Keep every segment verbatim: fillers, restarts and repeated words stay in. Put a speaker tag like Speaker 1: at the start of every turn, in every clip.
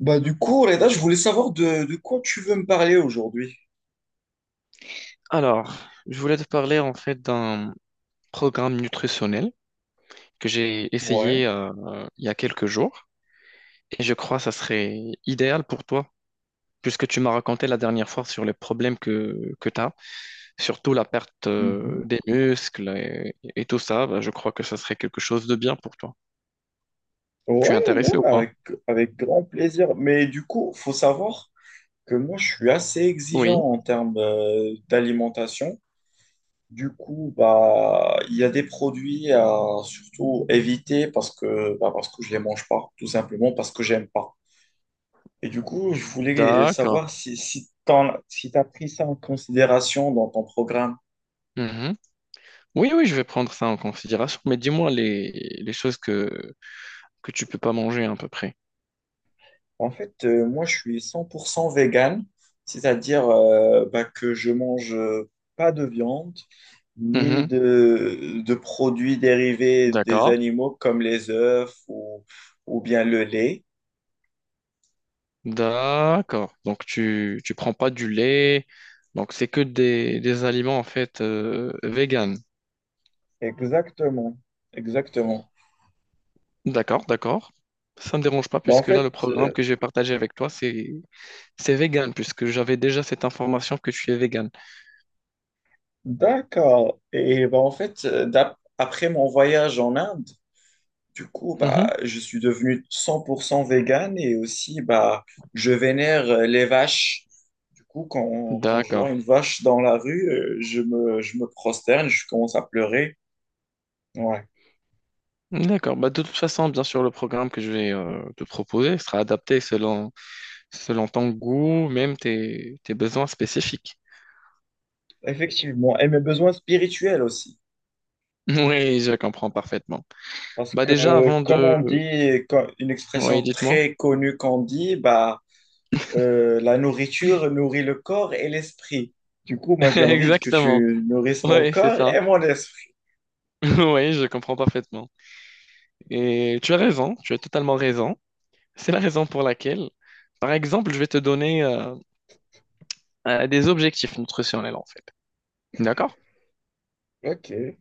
Speaker 1: Bah du coup, Reda, je voulais savoir de, de quoi tu veux me parler aujourd'hui.
Speaker 2: Alors, je voulais te parler en fait d'un programme nutritionnel que j'ai
Speaker 1: Ouais.
Speaker 2: essayé euh, euh, il y a quelques jours et je crois que ça serait idéal pour toi puisque tu m'as raconté la dernière fois sur les problèmes que, que tu as, surtout la perte euh,
Speaker 1: Mhm.
Speaker 2: des muscles et, et tout ça. Bah, je crois que ça serait quelque chose de bien pour toi. Tu es
Speaker 1: Ouais,
Speaker 2: intéressé ou
Speaker 1: ouais,
Speaker 2: pas?
Speaker 1: avec, Avec grand plaisir. Mais du coup, faut savoir que moi, je suis assez exigeant
Speaker 2: Oui,
Speaker 1: en termes euh, d'alimentation. Du coup, bah, il y a des produits à surtout éviter parce que, bah, parce que je les mange pas, tout simplement parce que j'aime pas. Et du coup, je voulais
Speaker 2: d'accord.
Speaker 1: savoir si, si t'en- si t'as pris ça en considération dans ton programme.
Speaker 2: Mhm. Oui, oui, je vais prendre ça en considération, mais dis-moi les, les choses que, que tu peux pas manger à peu près.
Speaker 1: En fait, euh, moi, je suis cent pour cent vegan, c'est-à-dire euh, bah, que je mange euh, pas de viande ni
Speaker 2: Mhm.
Speaker 1: de, de produits dérivés des
Speaker 2: D'accord.
Speaker 1: animaux comme les œufs, ou, ou bien le lait.
Speaker 2: D'accord. Donc tu tu prends pas du lait. Donc c'est que des, des aliments en fait euh, vegan.
Speaker 1: Exactement, exactement.
Speaker 2: D'accord, d'accord. Ça me dérange pas
Speaker 1: Bah, en
Speaker 2: puisque là
Speaker 1: fait,
Speaker 2: le programme
Speaker 1: euh,
Speaker 2: que je vais partager avec toi c'est c'est vegan puisque j'avais déjà cette information que tu es vegan.
Speaker 1: d'accord. Et bah, en fait, euh, d'ap- après mon voyage en Inde, du coup,
Speaker 2: Mhm.
Speaker 1: bah, je suis devenu cent pour cent vegan et aussi, bah, je vénère euh, les vaches. Du coup, quand, quand je
Speaker 2: D'accord.
Speaker 1: vois une vache dans la rue, euh, je me, je me prosterne, je commence à pleurer. Ouais,
Speaker 2: D'accord. Bah, de toute façon, bien sûr, le programme que je vais euh, te proposer sera adapté selon, selon ton goût, même tes, tes besoins spécifiques.
Speaker 1: effectivement. Et mes besoins spirituels aussi.
Speaker 2: Oui, je comprends parfaitement.
Speaker 1: Parce
Speaker 2: Bah
Speaker 1: que,
Speaker 2: déjà, avant
Speaker 1: comme
Speaker 2: de.
Speaker 1: on dit, co- une
Speaker 2: Oui,
Speaker 1: expression
Speaker 2: dites-moi.
Speaker 1: très connue qu'on dit, bah, euh, la nourriture nourrit le corps et l'esprit. Du coup, moi, j'ai envie que
Speaker 2: Exactement.
Speaker 1: tu nourrisses mon
Speaker 2: Ouais, c'est
Speaker 1: corps
Speaker 2: ça.
Speaker 1: et mon esprit.
Speaker 2: Oui, je comprends parfaitement. Et tu as raison, tu as totalement raison. C'est la raison pour laquelle, par exemple, je vais te donner euh, euh, des objectifs nutritionnels en fait. D'accord?
Speaker 1: Ok.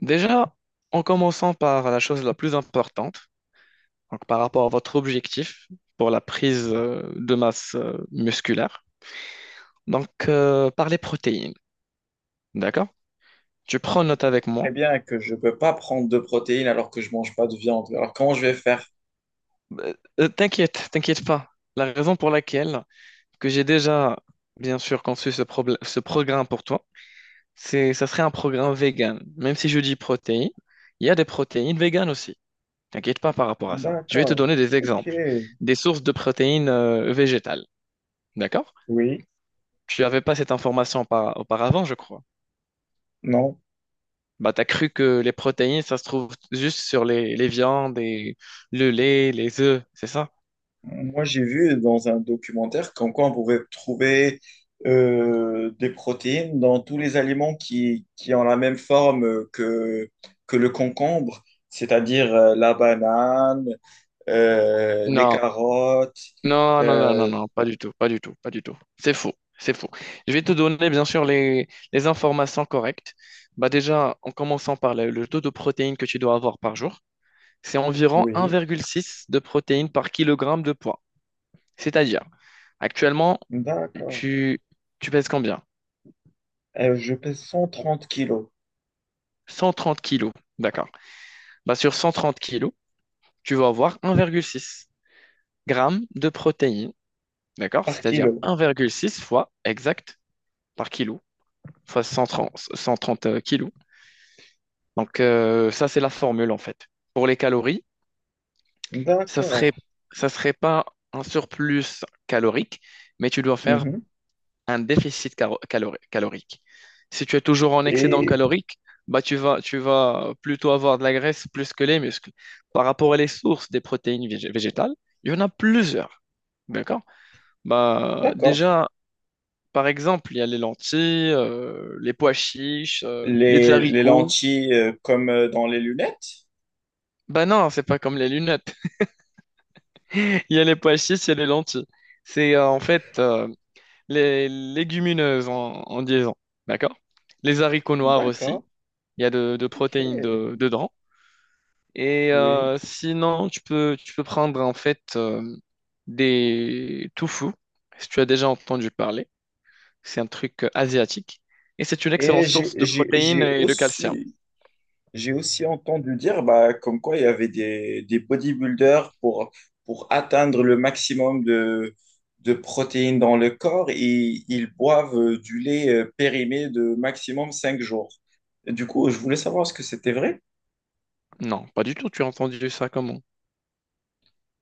Speaker 2: Déjà, en commençant par la chose la plus importante, donc par rapport à votre objectif pour la prise euh, de masse euh, musculaire, donc euh, par les protéines. D'accord? Tu prends
Speaker 1: Et
Speaker 2: note
Speaker 1: tu sais
Speaker 2: avec moi.
Speaker 1: très bien que je ne peux pas prendre de protéines alors que je mange pas de viande. Alors comment je vais faire?
Speaker 2: Euh, euh, t'inquiète, t'inquiète pas. La raison pour laquelle que j'ai déjà, bien sûr, conçu ce, problème- ce programme pour toi. C'est, ça serait un programme vegan. Même si je dis protéines, il y a des protéines véganes aussi. T'inquiète pas par rapport à ça. Je vais te
Speaker 1: D'accord.
Speaker 2: donner des exemples,
Speaker 1: Ok.
Speaker 2: des sources de protéines euh, végétales. D'accord?
Speaker 1: Oui.
Speaker 2: Tu n'avais pas cette information par- auparavant, je crois.
Speaker 1: Non.
Speaker 2: Bah, t'as cru que les protéines, ça se trouve juste sur les, les viandes et le lait, les œufs, c'est ça?
Speaker 1: Moi, j'ai vu dans un documentaire comme quoi on pouvait trouver euh, des protéines dans tous les aliments qui, qui ont la même forme euh, que, que le concombre, c'est-à-dire euh, la banane, euh, les
Speaker 2: Non,
Speaker 1: carottes.
Speaker 2: non, non, non, non,
Speaker 1: euh,
Speaker 2: non, pas du tout, pas du tout, pas du tout. C'est faux, c'est faux. Je vais te donner, bien sûr, les, les informations correctes. Bah déjà, en commençant par le, le taux de protéines que tu dois avoir par jour, c'est environ
Speaker 1: oui.
Speaker 2: un virgule six de protéines par kilogramme de poids. C'est-à-dire, actuellement,
Speaker 1: D'accord.
Speaker 2: tu, tu pèses combien?
Speaker 1: Euh, je pèse cent trente kilos
Speaker 2: cent trente kilos, d'accord. Bah sur cent trente kilos, tu vas avoir un virgule six grammes de protéines, d'accord?
Speaker 1: par
Speaker 2: C'est-à-dire
Speaker 1: kilo.
Speaker 2: un virgule six fois exact par kilo. Enfin cent trente cent trente kilos. Donc euh, ça, c'est la formule en fait. Pour les calories, ça
Speaker 1: D'accord.
Speaker 2: serait, ça serait pas un surplus calorique, mais tu dois faire
Speaker 1: Mhm.
Speaker 2: un déficit caro- calori- calorique. Si tu es toujours en excédent
Speaker 1: Et
Speaker 2: calorique, bah tu vas, tu vas plutôt avoir de la graisse plus que les muscles. Par rapport à les sources des protéines vég- végétales, il y en a plusieurs. D'accord? Bah,
Speaker 1: d'accord.
Speaker 2: déjà, par exemple, il y a les lentilles, euh, les pois chiches, euh, les
Speaker 1: Les, les
Speaker 2: haricots.
Speaker 1: lentilles euh, comme euh, dans les lunettes?
Speaker 2: Bah non, c'est pas comme les lunettes. Il y a les pois chiches, il y a les lentilles. C'est euh, en fait euh, les légumineuses en, en liaison, d'accord? Les haricots noirs aussi,
Speaker 1: D'accord.
Speaker 2: il y a de, de protéines
Speaker 1: OK.
Speaker 2: de- dedans. Et
Speaker 1: Oui.
Speaker 2: euh, sinon, tu peux, tu peux prendre en fait euh, des tofu, si tu as déjà entendu parler. C'est un truc euh, asiatique. Et c'est une excellente
Speaker 1: Et j'ai
Speaker 2: source de
Speaker 1: j'ai-
Speaker 2: protéines
Speaker 1: j'ai
Speaker 2: et de calcium.
Speaker 1: aussi, j'ai aussi entendu dire bah, comme quoi il y avait des, des bodybuilders pour, pour atteindre le maximum de, de protéines dans le corps et ils boivent euh, du lait euh, périmé de maximum cinq jours. Du coup, je voulais savoir est-ce que c'était vrai?
Speaker 2: Non, pas du tout, tu as entendu ça comment?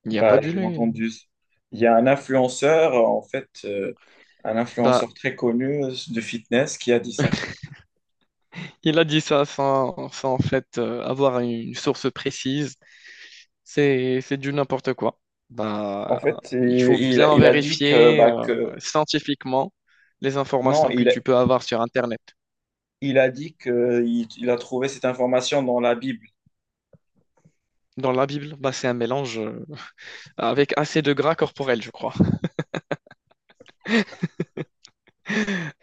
Speaker 2: Il n'y a pas
Speaker 1: Bah,
Speaker 2: du
Speaker 1: j'ai
Speaker 2: lait.
Speaker 1: entendu. Il y a un influenceur, en fait, euh, un
Speaker 2: Bah.
Speaker 1: influenceur très connu de fitness qui a dit ça.
Speaker 2: Il a dit ça sans, sans en fait euh, avoir une source précise. C'est, c'est du n'importe quoi.
Speaker 1: En
Speaker 2: Bah,
Speaker 1: fait, il,
Speaker 2: il faut
Speaker 1: il-
Speaker 2: bien
Speaker 1: il a dit que,
Speaker 2: vérifier
Speaker 1: bah, que
Speaker 2: euh, scientifiquement les
Speaker 1: non,
Speaker 2: informations que tu
Speaker 1: il,
Speaker 2: peux avoir sur Internet.
Speaker 1: il a dit que il, il a trouvé cette information dans la Bible.
Speaker 2: Dans la Bible, bah, c'est un mélange euh, avec assez de gras corporel, je crois.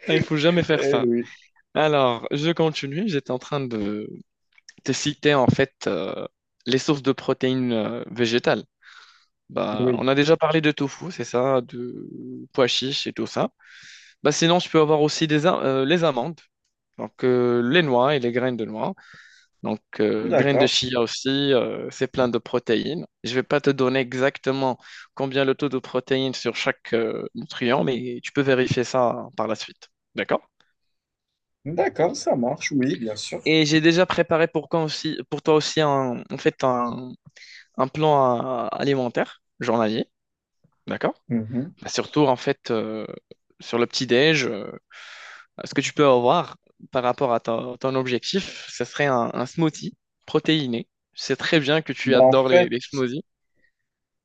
Speaker 2: Il faut jamais faire
Speaker 1: Eh
Speaker 2: ça.
Speaker 1: oui,
Speaker 2: Alors, je continue. J'étais en train de te citer en fait euh, les sources de protéines euh, végétales. Bah,
Speaker 1: oui.
Speaker 2: on a déjà parlé de tofu, c'est ça, de pois chiche et tout ça. Bah sinon, je peux avoir aussi des, am- euh, les amandes, donc euh, les noix et les graines de noix. Donc, euh, graines de
Speaker 1: D'accord.
Speaker 2: chia aussi, euh, c'est plein de protéines. Je vais pas te donner exactement combien le taux de protéines sur chaque euh, nutriment, mais tu peux vérifier ça par la suite. D'accord?
Speaker 1: D'accord, ça marche, oui, bien sûr.
Speaker 2: Et j'ai déjà préparé pour, quand aussi, pour toi aussi un, en fait un, un plan euh, alimentaire journalier. D'accord?
Speaker 1: Mhm.
Speaker 2: Bah, surtout, en fait, euh, sur le petit-déj. euh, Ce que tu peux avoir par rapport à ton, ton objectif, ce serait un, un smoothie protéiné. Je sais très bien que tu
Speaker 1: Bah, en
Speaker 2: adores les,
Speaker 1: fait,
Speaker 2: les smoothies.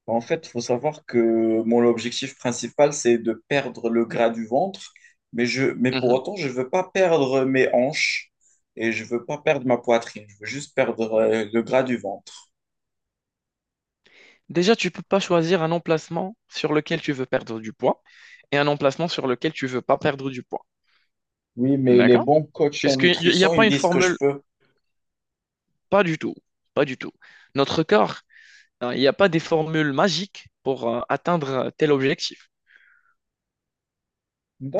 Speaker 1: En fait, il faut savoir que mon objectif principal, c'est de perdre le gras du ventre, mais, je, mais pour
Speaker 2: Mhm.
Speaker 1: autant, je ne veux pas perdre mes hanches et je ne veux pas perdre ma poitrine. Je veux juste perdre euh, le gras du ventre.
Speaker 2: Déjà, tu peux pas choisir un emplacement sur lequel tu veux perdre du poids et un emplacement sur lequel tu veux pas perdre du poids.
Speaker 1: Oui, mais les
Speaker 2: D'accord?
Speaker 1: bons coachs en
Speaker 2: Puisqu'il n'y a
Speaker 1: nutrition, ils
Speaker 2: pas
Speaker 1: me
Speaker 2: une
Speaker 1: disent que je
Speaker 2: formule,
Speaker 1: peux.
Speaker 2: pas du tout, pas du tout. Notre corps, hein, il n'y a pas des formules magiques pour euh, atteindre tel objectif.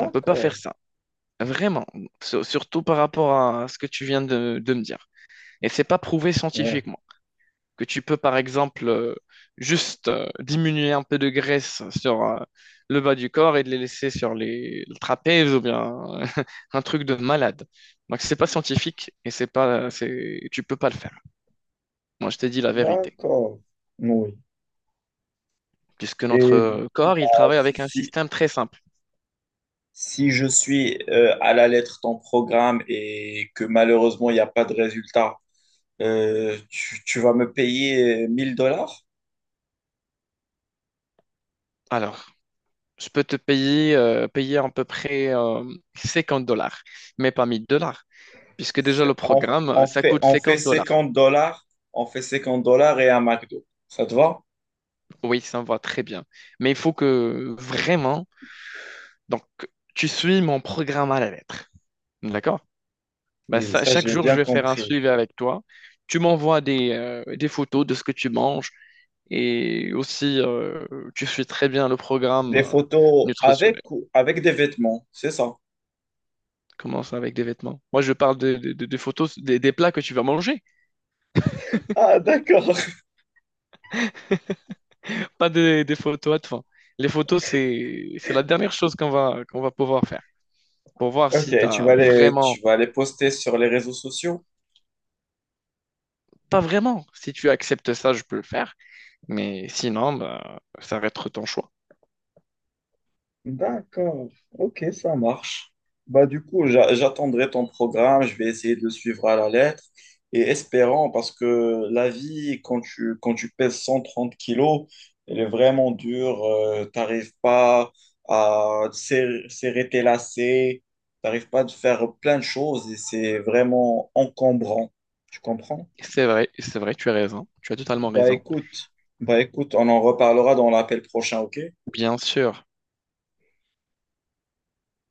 Speaker 2: On ne peut pas faire ça. Vraiment, Sur- surtout par rapport à ce que tu viens de, de me dire. Et c'est pas prouvé
Speaker 1: ouais,
Speaker 2: scientifiquement, que tu peux par exemple euh, juste euh, diminuer un peu de graisse sur euh, le bas du corps et de les laisser sur les le trapèze ou bien un truc de malade. Donc c'est pas scientifique et c'est pas c'est tu peux pas le faire. Moi, je t'ai dit la vérité
Speaker 1: d'accord. Oui.
Speaker 2: puisque
Speaker 1: Et du
Speaker 2: notre
Speaker 1: coup,
Speaker 2: corps
Speaker 1: bah,
Speaker 2: il travaille
Speaker 1: si,
Speaker 2: avec un
Speaker 1: si-
Speaker 2: système très simple.
Speaker 1: si je suis euh, à la lettre ton programme et que malheureusement, il n'y a pas de résultat, euh, tu, tu vas me payer euh, mille dollars?
Speaker 2: Alors, je peux te payer euh, payer à peu près euh, cinquante dollars mais pas mille dollars. Puisque déjà le
Speaker 1: C'est- On,
Speaker 2: programme, euh,
Speaker 1: on
Speaker 2: ça
Speaker 1: fait,
Speaker 2: coûte
Speaker 1: on fait
Speaker 2: cinquante dollars.
Speaker 1: cinquante dollars, on fait cinquante dollars et un McDo. Ça te va?
Speaker 2: Oui, ça me va très bien. Mais il faut que vraiment. Donc, tu suis mon programme à la lettre. D'accord? Ben,
Speaker 1: Oui,
Speaker 2: ça,
Speaker 1: ça,
Speaker 2: chaque
Speaker 1: je l'ai
Speaker 2: jour, je
Speaker 1: bien
Speaker 2: vais faire un
Speaker 1: compris.
Speaker 2: suivi avec toi. Tu m'envoies des, euh, des photos de ce que tu manges et aussi, euh, tu suis très bien le programme
Speaker 1: Des
Speaker 2: euh,
Speaker 1: photos
Speaker 2: nutritionnel.
Speaker 1: avec ou avec des vêtements, c'est ça?
Speaker 2: Commence avec des vêtements. Moi, je parle de- de- de- des photos, des, des plats que tu vas manger,
Speaker 1: Ah, d'accord.
Speaker 2: pas des, des photos à te faire. Les photos, c'est, c'est la dernière chose qu'on va, qu'on va pouvoir faire pour voir
Speaker 1: Ok,
Speaker 2: si tu
Speaker 1: tu
Speaker 2: as
Speaker 1: vas les,
Speaker 2: vraiment,
Speaker 1: tu vas les poster sur les réseaux sociaux?
Speaker 2: pas vraiment, si tu acceptes ça, je peux le faire, mais sinon, ben, ça va être ton choix.
Speaker 1: D'accord, ok, ça marche. Bah, du coup, j'a- j'attendrai ton programme, je vais essayer de le suivre à la lettre et espérant, parce que la vie, quand tu, quand tu pèses cent trente kilos, elle est vraiment dure, euh, t'arrives pas à serrer, serrer tes lacets, t'arrives pas à faire plein de choses et c'est vraiment encombrant. Tu comprends?
Speaker 2: C'est vrai, c'est vrai, tu as raison, tu as totalement
Speaker 1: Bah
Speaker 2: raison.
Speaker 1: écoute, Bah écoute, on en reparlera dans l'appel prochain, ok?
Speaker 2: Bien sûr,